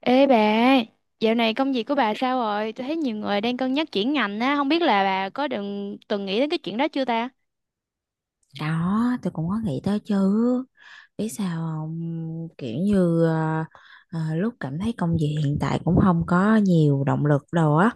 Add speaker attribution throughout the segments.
Speaker 1: Ê bà, dạo này công việc của bà sao rồi? Tôi thấy nhiều người đang cân nhắc chuyển ngành á, không biết là bà có đừng từng nghĩ đến cái chuyện đó chưa ta?
Speaker 2: Đó, tôi cũng có nghĩ tới chứ. Biết sao không? Kiểu như à, à, lúc cảm thấy công việc hiện tại cũng không có nhiều động lực đâu á.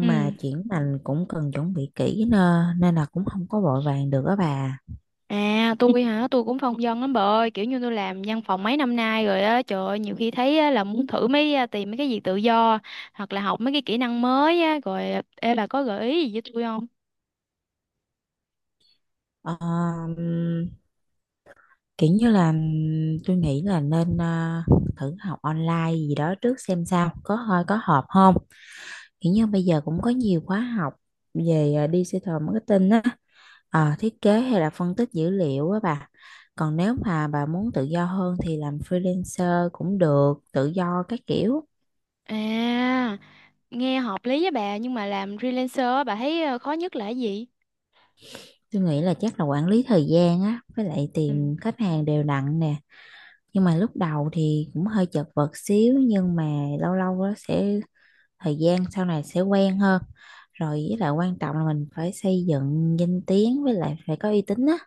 Speaker 1: Ừ.
Speaker 2: mà chuyển ngành cũng cần chuẩn bị kỹ nên là cũng không có vội vàng được á bà.
Speaker 1: À, tôi hả? Tôi cũng phong vân lắm bà ơi, kiểu như tôi làm văn phòng mấy năm nay rồi á, trời ơi, nhiều khi thấy á, là muốn thử mấy tìm mấy cái việc tự do hoặc là học mấy cái kỹ năng mới á, rồi ê bà có gợi ý gì với tôi không?
Speaker 2: Ờ, ừm, kiểu như là tôi nghĩ là nên thử học online gì đó trước xem sao. Có hợp không? Kiểu như bây giờ cũng có nhiều khóa học về digital marketing á. Ờ, thiết kế hay là phân tích dữ liệu á bà. Còn nếu mà bà muốn tự do hơn thì làm freelancer cũng được, tự do các kiểu.
Speaker 1: À, nghe hợp lý với bà nhưng mà làm freelancer á, bà thấy khó nhất là cái gì?
Speaker 2: Tôi nghĩ là chắc là quản lý thời gian á, với lại tìm khách hàng đều đặn nè. Nhưng mà lúc đầu thì cũng hơi chật vật xíu, nhưng mà lâu lâu á sẽ thời gian sau này sẽ quen hơn. Rồi với lại quan trọng là mình phải xây dựng danh tiếng, với lại phải có uy tín á.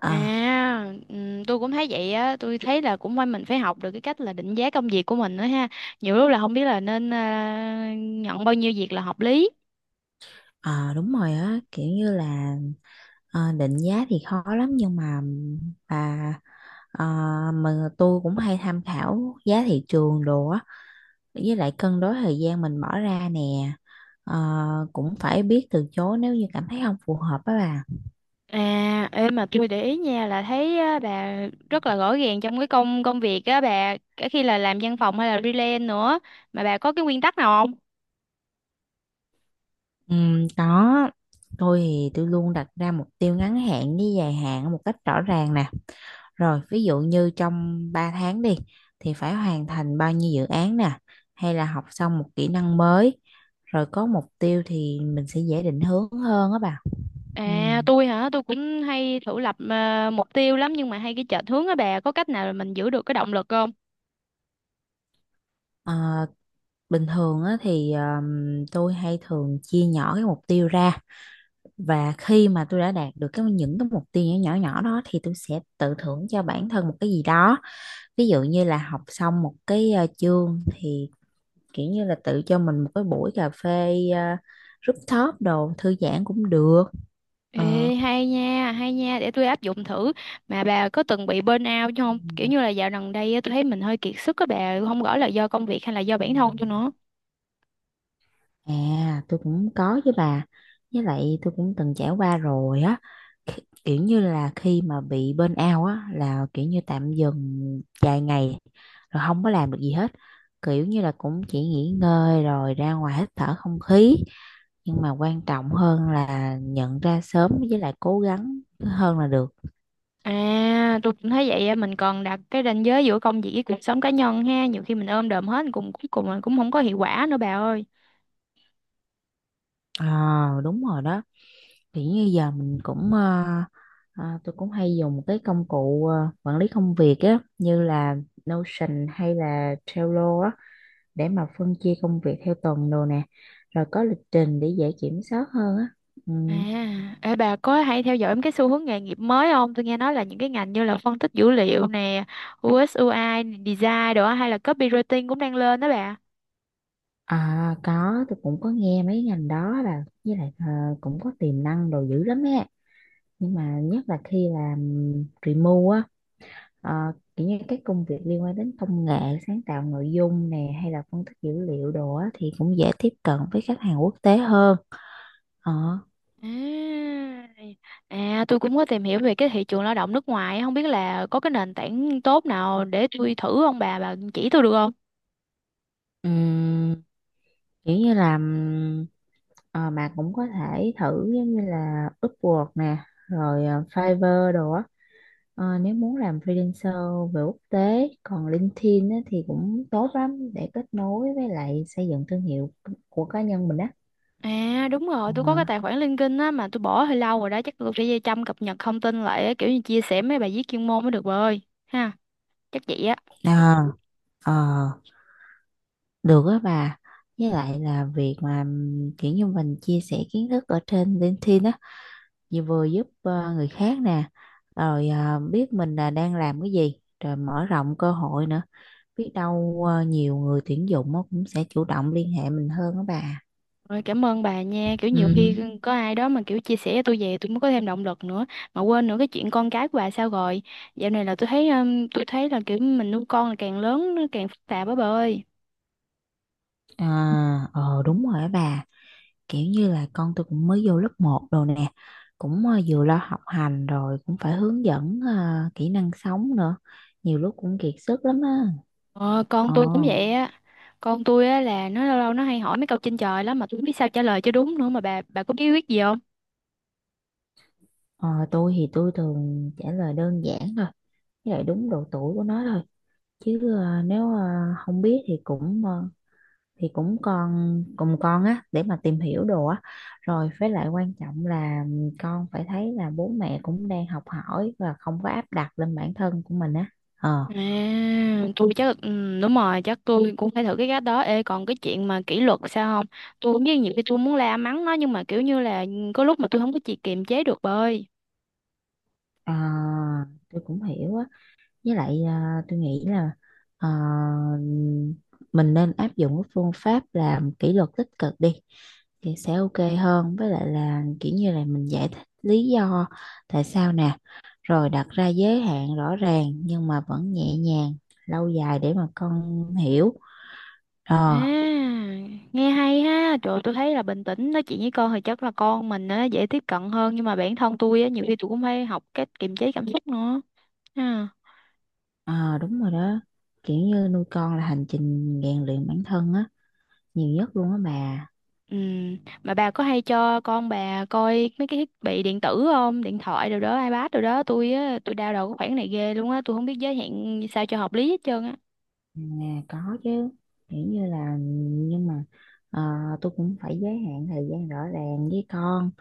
Speaker 2: Ờ,
Speaker 1: À, tôi cũng thấy vậy á, tôi thấy là cũng phải mình phải học được cái cách là định giá công việc của mình nữa ha. Nhiều lúc là không biết là nên nhận bao nhiêu việc là hợp lý.
Speaker 2: ờ, đúng rồi á, kiểu như là Ờ, định giá thì khó lắm nhưng mà bà ờ, tôi cũng hay tham khảo giá thị trường đồ á, với lại cân đối thời gian mình bỏ ra nè. Ờ, cũng phải biết từ chối nếu như cảm thấy không phù hợp á bà.
Speaker 1: À, em mà tôi để ý nha là thấy á, bà rất là rõ ràng trong cái công công việc á bà, cả khi là làm văn phòng hay là freelance nữa mà bà có cái nguyên tắc nào không?
Speaker 2: Có, tôi thì tôi luôn đặt ra mục tiêu ngắn hạn với dài hạn một cách rõ ràng nè. Rồi, ví dụ như trong 3 tháng đi thì phải hoàn thành bao nhiêu dự án nè, hay là học xong một kỹ năng mới, rồi có mục tiêu thì mình sẽ dễ định hướng hơn á bà. Ừ.
Speaker 1: À, tôi hả, tôi cũng hay thử lập mục tiêu lắm nhưng mà hay cái chệch hướng á bà, có cách nào là mình giữ được cái động lực không?
Speaker 2: Ờ, bình thường á, thì tôi hay thường chia nhỏ cái mục tiêu ra, và khi mà tôi đã đạt được những cái mục tiêu nhỏ nhỏ nhỏ đó thì tôi sẽ tự thưởng cho bản thân một cái gì đó. Ví dụ như là học xong một cái chương thì kiểu như là tự cho mình một cái buổi cà phê rooftop đồ thư giãn cũng được. Ờ.
Speaker 1: Ê, hay nha, để tôi áp dụng thử. Mà bà có từng bị burnout chứ không? Kiểu như là dạo gần đây á, tôi thấy mình hơi kiệt sức các bà, không rõ là do công việc hay là do bản thân tôi nữa.
Speaker 2: À, tôi cũng có với bà, với lại tôi cũng từng trải qua rồi á. Kiểu như là khi mà bị burn out á là kiểu như tạm dừng vài ngày rồi không có làm được gì hết, kiểu như là cũng chỉ nghỉ ngơi rồi ra ngoài hít thở không khí, nhưng mà quan trọng hơn là nhận ra sớm với lại cố gắng hơn là được.
Speaker 1: À, tôi cũng thấy vậy á, mình còn đặt cái ranh giới giữa công việc với cuộc sống cá nhân ha, nhiều khi mình ôm đồm hết cùng cuối cùng là cũng không có hiệu quả nữa bà ơi.
Speaker 2: À, đúng rồi đó. Thì như giờ mình cũng tôi cũng hay dùng cái công cụ quản lý công việc á như là Notion hay là Trello á, để mà phân chia công việc theo tuần đồ nè, rồi có lịch trình để dễ kiểm soát hơn á. Ừ.
Speaker 1: À, ê, bà có hay theo dõi cái xu hướng nghề nghiệp mới không? Tôi nghe nói là những cái ngành như là phân tích dữ liệu nè, UX UI, design đồ á, hay là copywriting cũng đang lên đó bà.
Speaker 2: À, có, tôi cũng có nghe mấy ngành đó là với lại cũng có tiềm năng đồ dữ lắm á, nhưng mà nhất là khi làm remote á. Ờ, kiểu như các công việc liên quan đến công nghệ, sáng tạo nội dung nè hay là phân tích dữ liệu đồ á, thì cũng dễ tiếp cận với khách hàng quốc tế hơn. ờ,
Speaker 1: À, à, tôi cũng có tìm hiểu về cái thị trường lao động nước ngoài, không biết là có cái nền tảng tốt nào để tôi thử không bà, bà chỉ tôi được không?
Speaker 2: ừm, kiểu như là mà cũng có thể thử giống như là Upwork nè, rồi Fiverr đồ á. Ờ, nếu muốn làm freelancer về quốc tế còn LinkedIn á, thì cũng tốt lắm để kết nối với lại xây dựng thương hiệu của cá nhân mình á.
Speaker 1: À đúng rồi,
Speaker 2: Ờ.
Speaker 1: tôi có cái tài khoản LinkedIn á mà tôi bỏ hơi lâu rồi đó, chắc tôi phải chăm cập nhật thông tin lại á, kiểu như chia sẻ mấy bài viết chuyên môn mới được bà ơi. Ha, chắc vậy á.
Speaker 2: Ờ, ờ. Được á bà. Với lại là việc mà kiểu như mình chia sẻ kiến thức ở trên LinkedIn á, Vừa vừa giúp người khác nè, rồi biết mình là đang làm cái gì, rồi mở rộng cơ hội nữa. Biết đâu nhiều người tuyển dụng á cũng sẽ chủ động liên hệ mình hơn á bà.
Speaker 1: Rồi cảm ơn bà nha, kiểu nhiều
Speaker 2: Ừ,
Speaker 1: khi có ai đó mà kiểu chia sẻ cho tôi về tôi mới có thêm động lực nữa. Mà quên nữa, cái chuyện con cái của bà sao rồi? Dạo này là tôi thấy là kiểu mình nuôi con là càng lớn nó càng phức tạp á bà ơi.
Speaker 2: à, ờ đúng rồi á bà. Kiểu như là con tôi cũng mới vô lớp một rồi nè. Cũng vừa lo học hành rồi, cũng phải hướng dẫn kỹ năng sống nữa. Nhiều lúc cũng kiệt sức lắm á.
Speaker 1: Ờ, con
Speaker 2: Ờ.
Speaker 1: tôi cũng vậy á. Con tôi á là nó lâu lâu nó hay hỏi mấy câu trên trời lắm mà tôi không biết sao trả lời cho đúng nữa, mà bà có bí quyết gì không?
Speaker 2: Ờ, tôi thì tôi thường trả lời đơn giản thôi, với lại đúng độ tuổi của nó thôi. Chứ nếu không biết thì thì cũng con cùng con á để mà tìm hiểu đồ á. Rồi với lại quan trọng là con phải thấy là bố mẹ cũng đang học hỏi và không có áp đặt lên bản thân của mình á. Ờ,
Speaker 1: À, tôi chắc đúng rồi, chắc tôi cũng phải thử cái cách đó. Ê còn cái chuyện mà kỷ luật sao không? Tôi cũng biết nhiều khi tôi muốn la mắng nó nhưng mà kiểu như là có lúc mà tôi không có chị kiềm chế được bà ơi.
Speaker 2: ờ, tôi cũng hiểu á. Với lại tôi nghĩ là à, mình nên áp dụng cái phương pháp làm kỷ luật tích cực đi thì sẽ ok hơn, với lại là kiểu như là mình giải thích lý do tại sao nè, rồi đặt ra giới hạn rõ ràng nhưng mà vẫn nhẹ nhàng, lâu dài để mà con hiểu.
Speaker 1: À,
Speaker 2: ờ
Speaker 1: nghe hay ha. Trời ơi, tôi thấy là bình tĩnh nói chuyện với con thì chắc là con mình á dễ tiếp cận hơn, nhưng mà bản thân tôi á nhiều khi tôi cũng phải học cách kiềm chế cảm xúc nữa. Ha.
Speaker 2: ờ, đúng rồi đó, kiểu như nuôi con là hành trình rèn luyện bản thân á, nhiều nhất luôn á bà.
Speaker 1: Ừ. Mà bà có hay cho con bà coi mấy cái thiết bị điện tử không? Điện thoại rồi đó, iPad rồi đó. Tôi á, tôi đau đầu cái khoản này ghê luôn á. Tôi không biết giới hạn sao cho hợp lý hết trơn á.
Speaker 2: Nhà có chứ, kiểu như là nhưng mà ờ, tôi cũng phải giới hạn thời gian rõ ràng với con.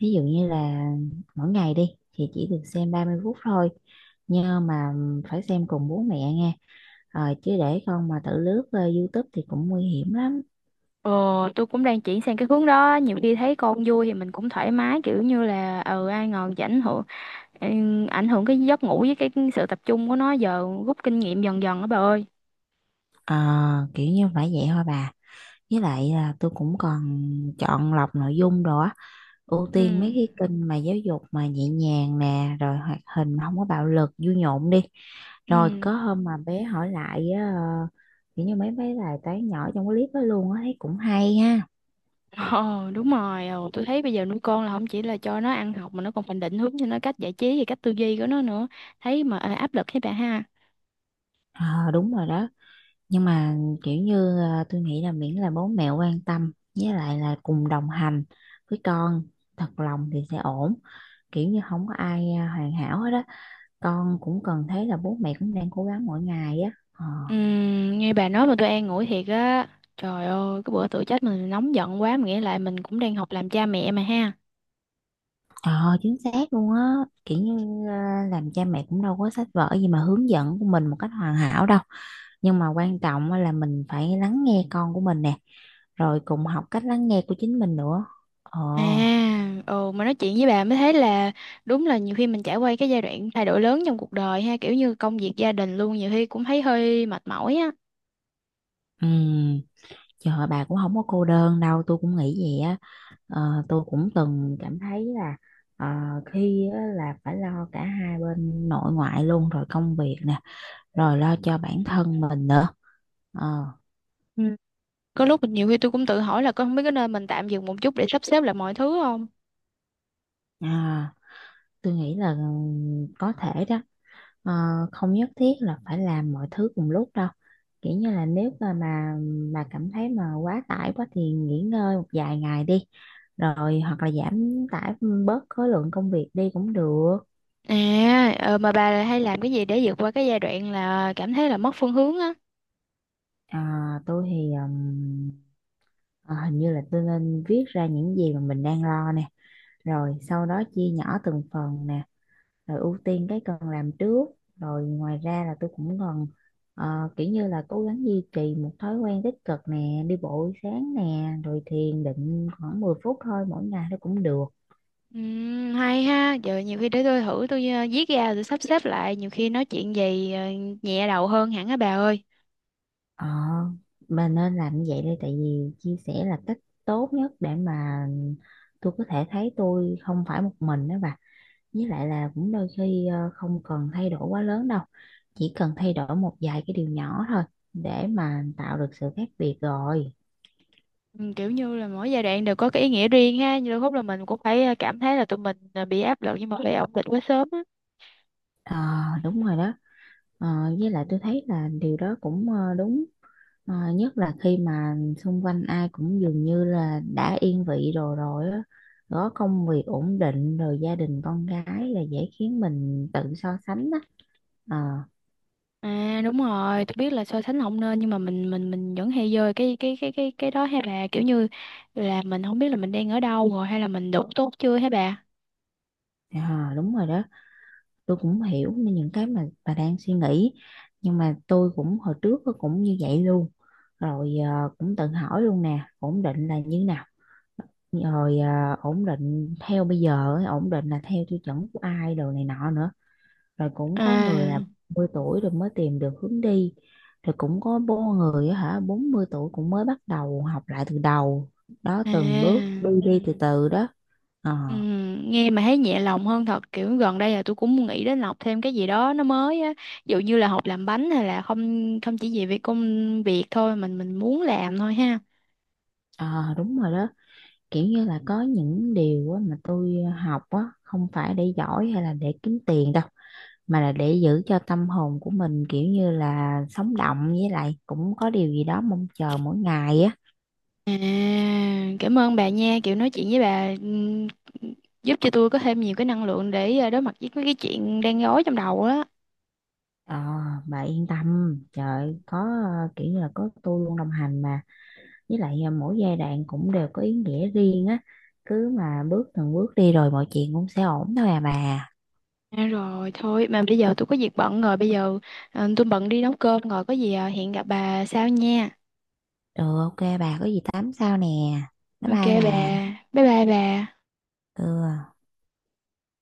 Speaker 2: Ví dụ như là mỗi ngày đi thì chỉ được xem 30 phút thôi, nhưng mà phải xem cùng bố mẹ nghe. Ờ, chứ để con mà tự lướt YouTube thì cũng nguy hiểm lắm.
Speaker 1: Ờ, tôi cũng đang chuyển sang cái hướng đó. Nhiều khi thấy con vui thì mình cũng thoải mái kiểu như là ừ ai ngờ chỉ ảnh hưởng ừ, ảnh hưởng cái giấc ngủ với cái sự tập trung của nó, giờ rút kinh nghiệm dần dần á bà ơi.
Speaker 2: Ờ, kiểu như phải vậy thôi bà, với lại là tôi cũng còn chọn lọc nội dung đồ á, ưu
Speaker 1: Ừ.
Speaker 2: tiên mấy cái kênh mà giáo dục mà nhẹ nhàng nè rồi hoạt hình mà không có bạo lực vui nhộn đi.
Speaker 1: Ừ.
Speaker 2: Rồi có hôm mà bé hỏi lại á, kiểu như mấy mấy bài toán nhỏ trong cái clip đó luôn á, thấy cũng hay ha.
Speaker 1: Ờ đúng rồi, tôi thấy bây giờ nuôi con là không chỉ là cho nó ăn học mà nó còn phải định hướng cho nó cách giải trí và cách tư duy của nó nữa, thấy mà áp lực thấy bà ha.
Speaker 2: Ờ đúng rồi đó. Nhưng mà kiểu như tôi nghĩ là miễn là bố mẹ quan tâm với lại là cùng đồng hành với con thật lòng thì sẽ ổn. Kiểu như không có ai hoàn hảo hết á. Con cũng cần thấy là bố mẹ cũng đang cố gắng mỗi ngày á. Ờ.
Speaker 1: Nghe bà nói mà tôi an ủi thiệt á. Trời ơi cái bữa tự chết mình nóng giận quá mà nghĩa lại mình cũng đang học làm cha mẹ mà ha.
Speaker 2: Ờ chính xác luôn á, kiểu như làm cha mẹ cũng đâu có sách vở gì mà hướng dẫn của mình một cách hoàn hảo đâu, nhưng mà quan trọng á là mình phải lắng nghe con của mình nè, rồi cùng học cách lắng nghe của chính mình nữa. ồ
Speaker 1: À ồ mà nói chuyện với bà mới thấy là đúng là nhiều khi mình trải qua cái giai đoạn thay đổi lớn trong cuộc đời ha, kiểu như công việc gia đình luôn, nhiều khi cũng thấy hơi mệt mỏi á.
Speaker 2: ừm, trời ơi, bà cũng không có cô đơn đâu, tôi cũng nghĩ vậy á. Ờ, tôi cũng từng cảm thấy là ờ, khi á là phải lo cả hai bên nội ngoại luôn, rồi công việc nè, rồi lo cho bản thân mình nữa. ờ
Speaker 1: Ừ. Có lúc nhiều khi tôi cũng tự hỏi là có không biết có nên mình tạm dừng một chút để sắp xếp lại mọi thứ không.
Speaker 2: à. Tôi nghĩ là ừ, có thể đó. Ờ, không nhất thiết là phải làm mọi thứ cùng lúc đâu, kiểu như là nếu mà cảm thấy mà quá tải quá thì nghỉ ngơi một vài ngày đi, rồi hoặc là giảm tải bớt khối lượng công việc đi cũng được.
Speaker 1: À, mà bà hay làm cái gì để vượt qua cái giai đoạn là cảm thấy là mất phương hướng á?
Speaker 2: À, tôi thì hình như là tôi nên viết ra những gì mà mình đang lo nè, rồi sau đó chia nhỏ từng phần nè, rồi ưu tiên cái cần làm trước, rồi ngoài ra là tôi cũng còn ờ, kiểu như là cố gắng duy trì một thói quen tích cực nè, đi bộ buổi sáng nè rồi thiền định khoảng 10 phút thôi mỗi ngày nó cũng được.
Speaker 1: Hay ha, giờ nhiều khi để tôi thử tôi viết ra rồi sắp xếp lại, nhiều khi nói chuyện gì nhẹ đầu hơn hẳn á bà ơi.
Speaker 2: ờ mà nên làm như vậy đây, tại vì chia sẻ là cách tốt nhất để mà tôi có thể thấy tôi không phải một mình đó bà. Với lại là cũng đôi khi không cần thay đổi quá lớn đâu, chỉ cần thay đổi một vài cái điều nhỏ thôi để mà tạo được sự khác biệt rồi.
Speaker 1: Kiểu như là mỗi giai đoạn đều có cái ý nghĩa riêng ha, nhưng đôi lúc là mình cũng phải cảm thấy là tụi mình bị áp lực nhưng mà phải ổn định quá sớm á.
Speaker 2: Ờ, đúng rồi đó. Ờ, với lại tôi thấy là điều đó cũng đúng. Ờ, nhất là khi mà xung quanh ai cũng dường như là đã yên vị rồi rồi á, có công việc ổn định, rồi gia đình con cái là dễ khiến mình tự so sánh á. Ờ,
Speaker 1: À đúng rồi, tôi biết là so sánh không nên nhưng mà mình vẫn hay rơi cái đó ha bà, kiểu như là mình không biết là mình đang ở đâu rồi hay là mình đủ tốt chưa hả bà?
Speaker 2: ờ, đúng rồi đó, tôi cũng hiểu nên những cái mà bà đang suy nghĩ, nhưng mà tôi cũng hồi trước cũng như vậy luôn. Rồi cũng tự hỏi luôn nè, ổn định là như nào, rồi ổn định theo bây giờ ấy, ổn định là theo tiêu chuẩn của ai đồ này nọ nữa. Rồi cũng có người là
Speaker 1: À.
Speaker 2: 10 tuổi rồi mới tìm được hướng đi, rồi cũng có bố người á hả 40 tuổi cũng mới bắt đầu học lại từ đầu, đó từng bước
Speaker 1: À,
Speaker 2: đi đi từ từ đó. ờ
Speaker 1: ừ, nghe mà thấy nhẹ lòng hơn thật, kiểu gần đây là tôi cũng nghĩ đến học thêm cái gì đó nó mới á, ví dụ như là học làm bánh hay là không không chỉ về việc công việc thôi, mình muốn làm thôi ha.
Speaker 2: ờ, đúng rồi đó, kiểu như là có những điều á mà tôi học á không phải để giỏi hay là để kiếm tiền đâu, mà là để giữ cho tâm hồn của mình kiểu như là sống động, với lại cũng có điều gì đó mong chờ mỗi ngày á.
Speaker 1: À, cảm ơn bà nha, kiểu nói chuyện với bà giúp cho tôi có thêm nhiều cái năng lượng để đối mặt với mấy cái chuyện đang rối trong đầu á.
Speaker 2: Ờ, bà yên tâm, trời có kiểu như là có tôi luôn đồng hành mà, với lại mỗi giai đoạn cũng đều có ý nghĩa riêng á, cứ mà bước từng bước đi rồi mọi chuyện cũng sẽ ổn thôi à bà.
Speaker 1: À, rồi thôi mà bây giờ tôi có việc bận rồi, bây giờ tôi bận đi nấu cơm rồi, có gì hẹn gặp bà sau nha.
Speaker 2: Ừ, ok bà, có gì tám sao nè. Bye
Speaker 1: Ok
Speaker 2: bye
Speaker 1: bà,
Speaker 2: bà.
Speaker 1: bye bye bà.
Speaker 2: Ừ.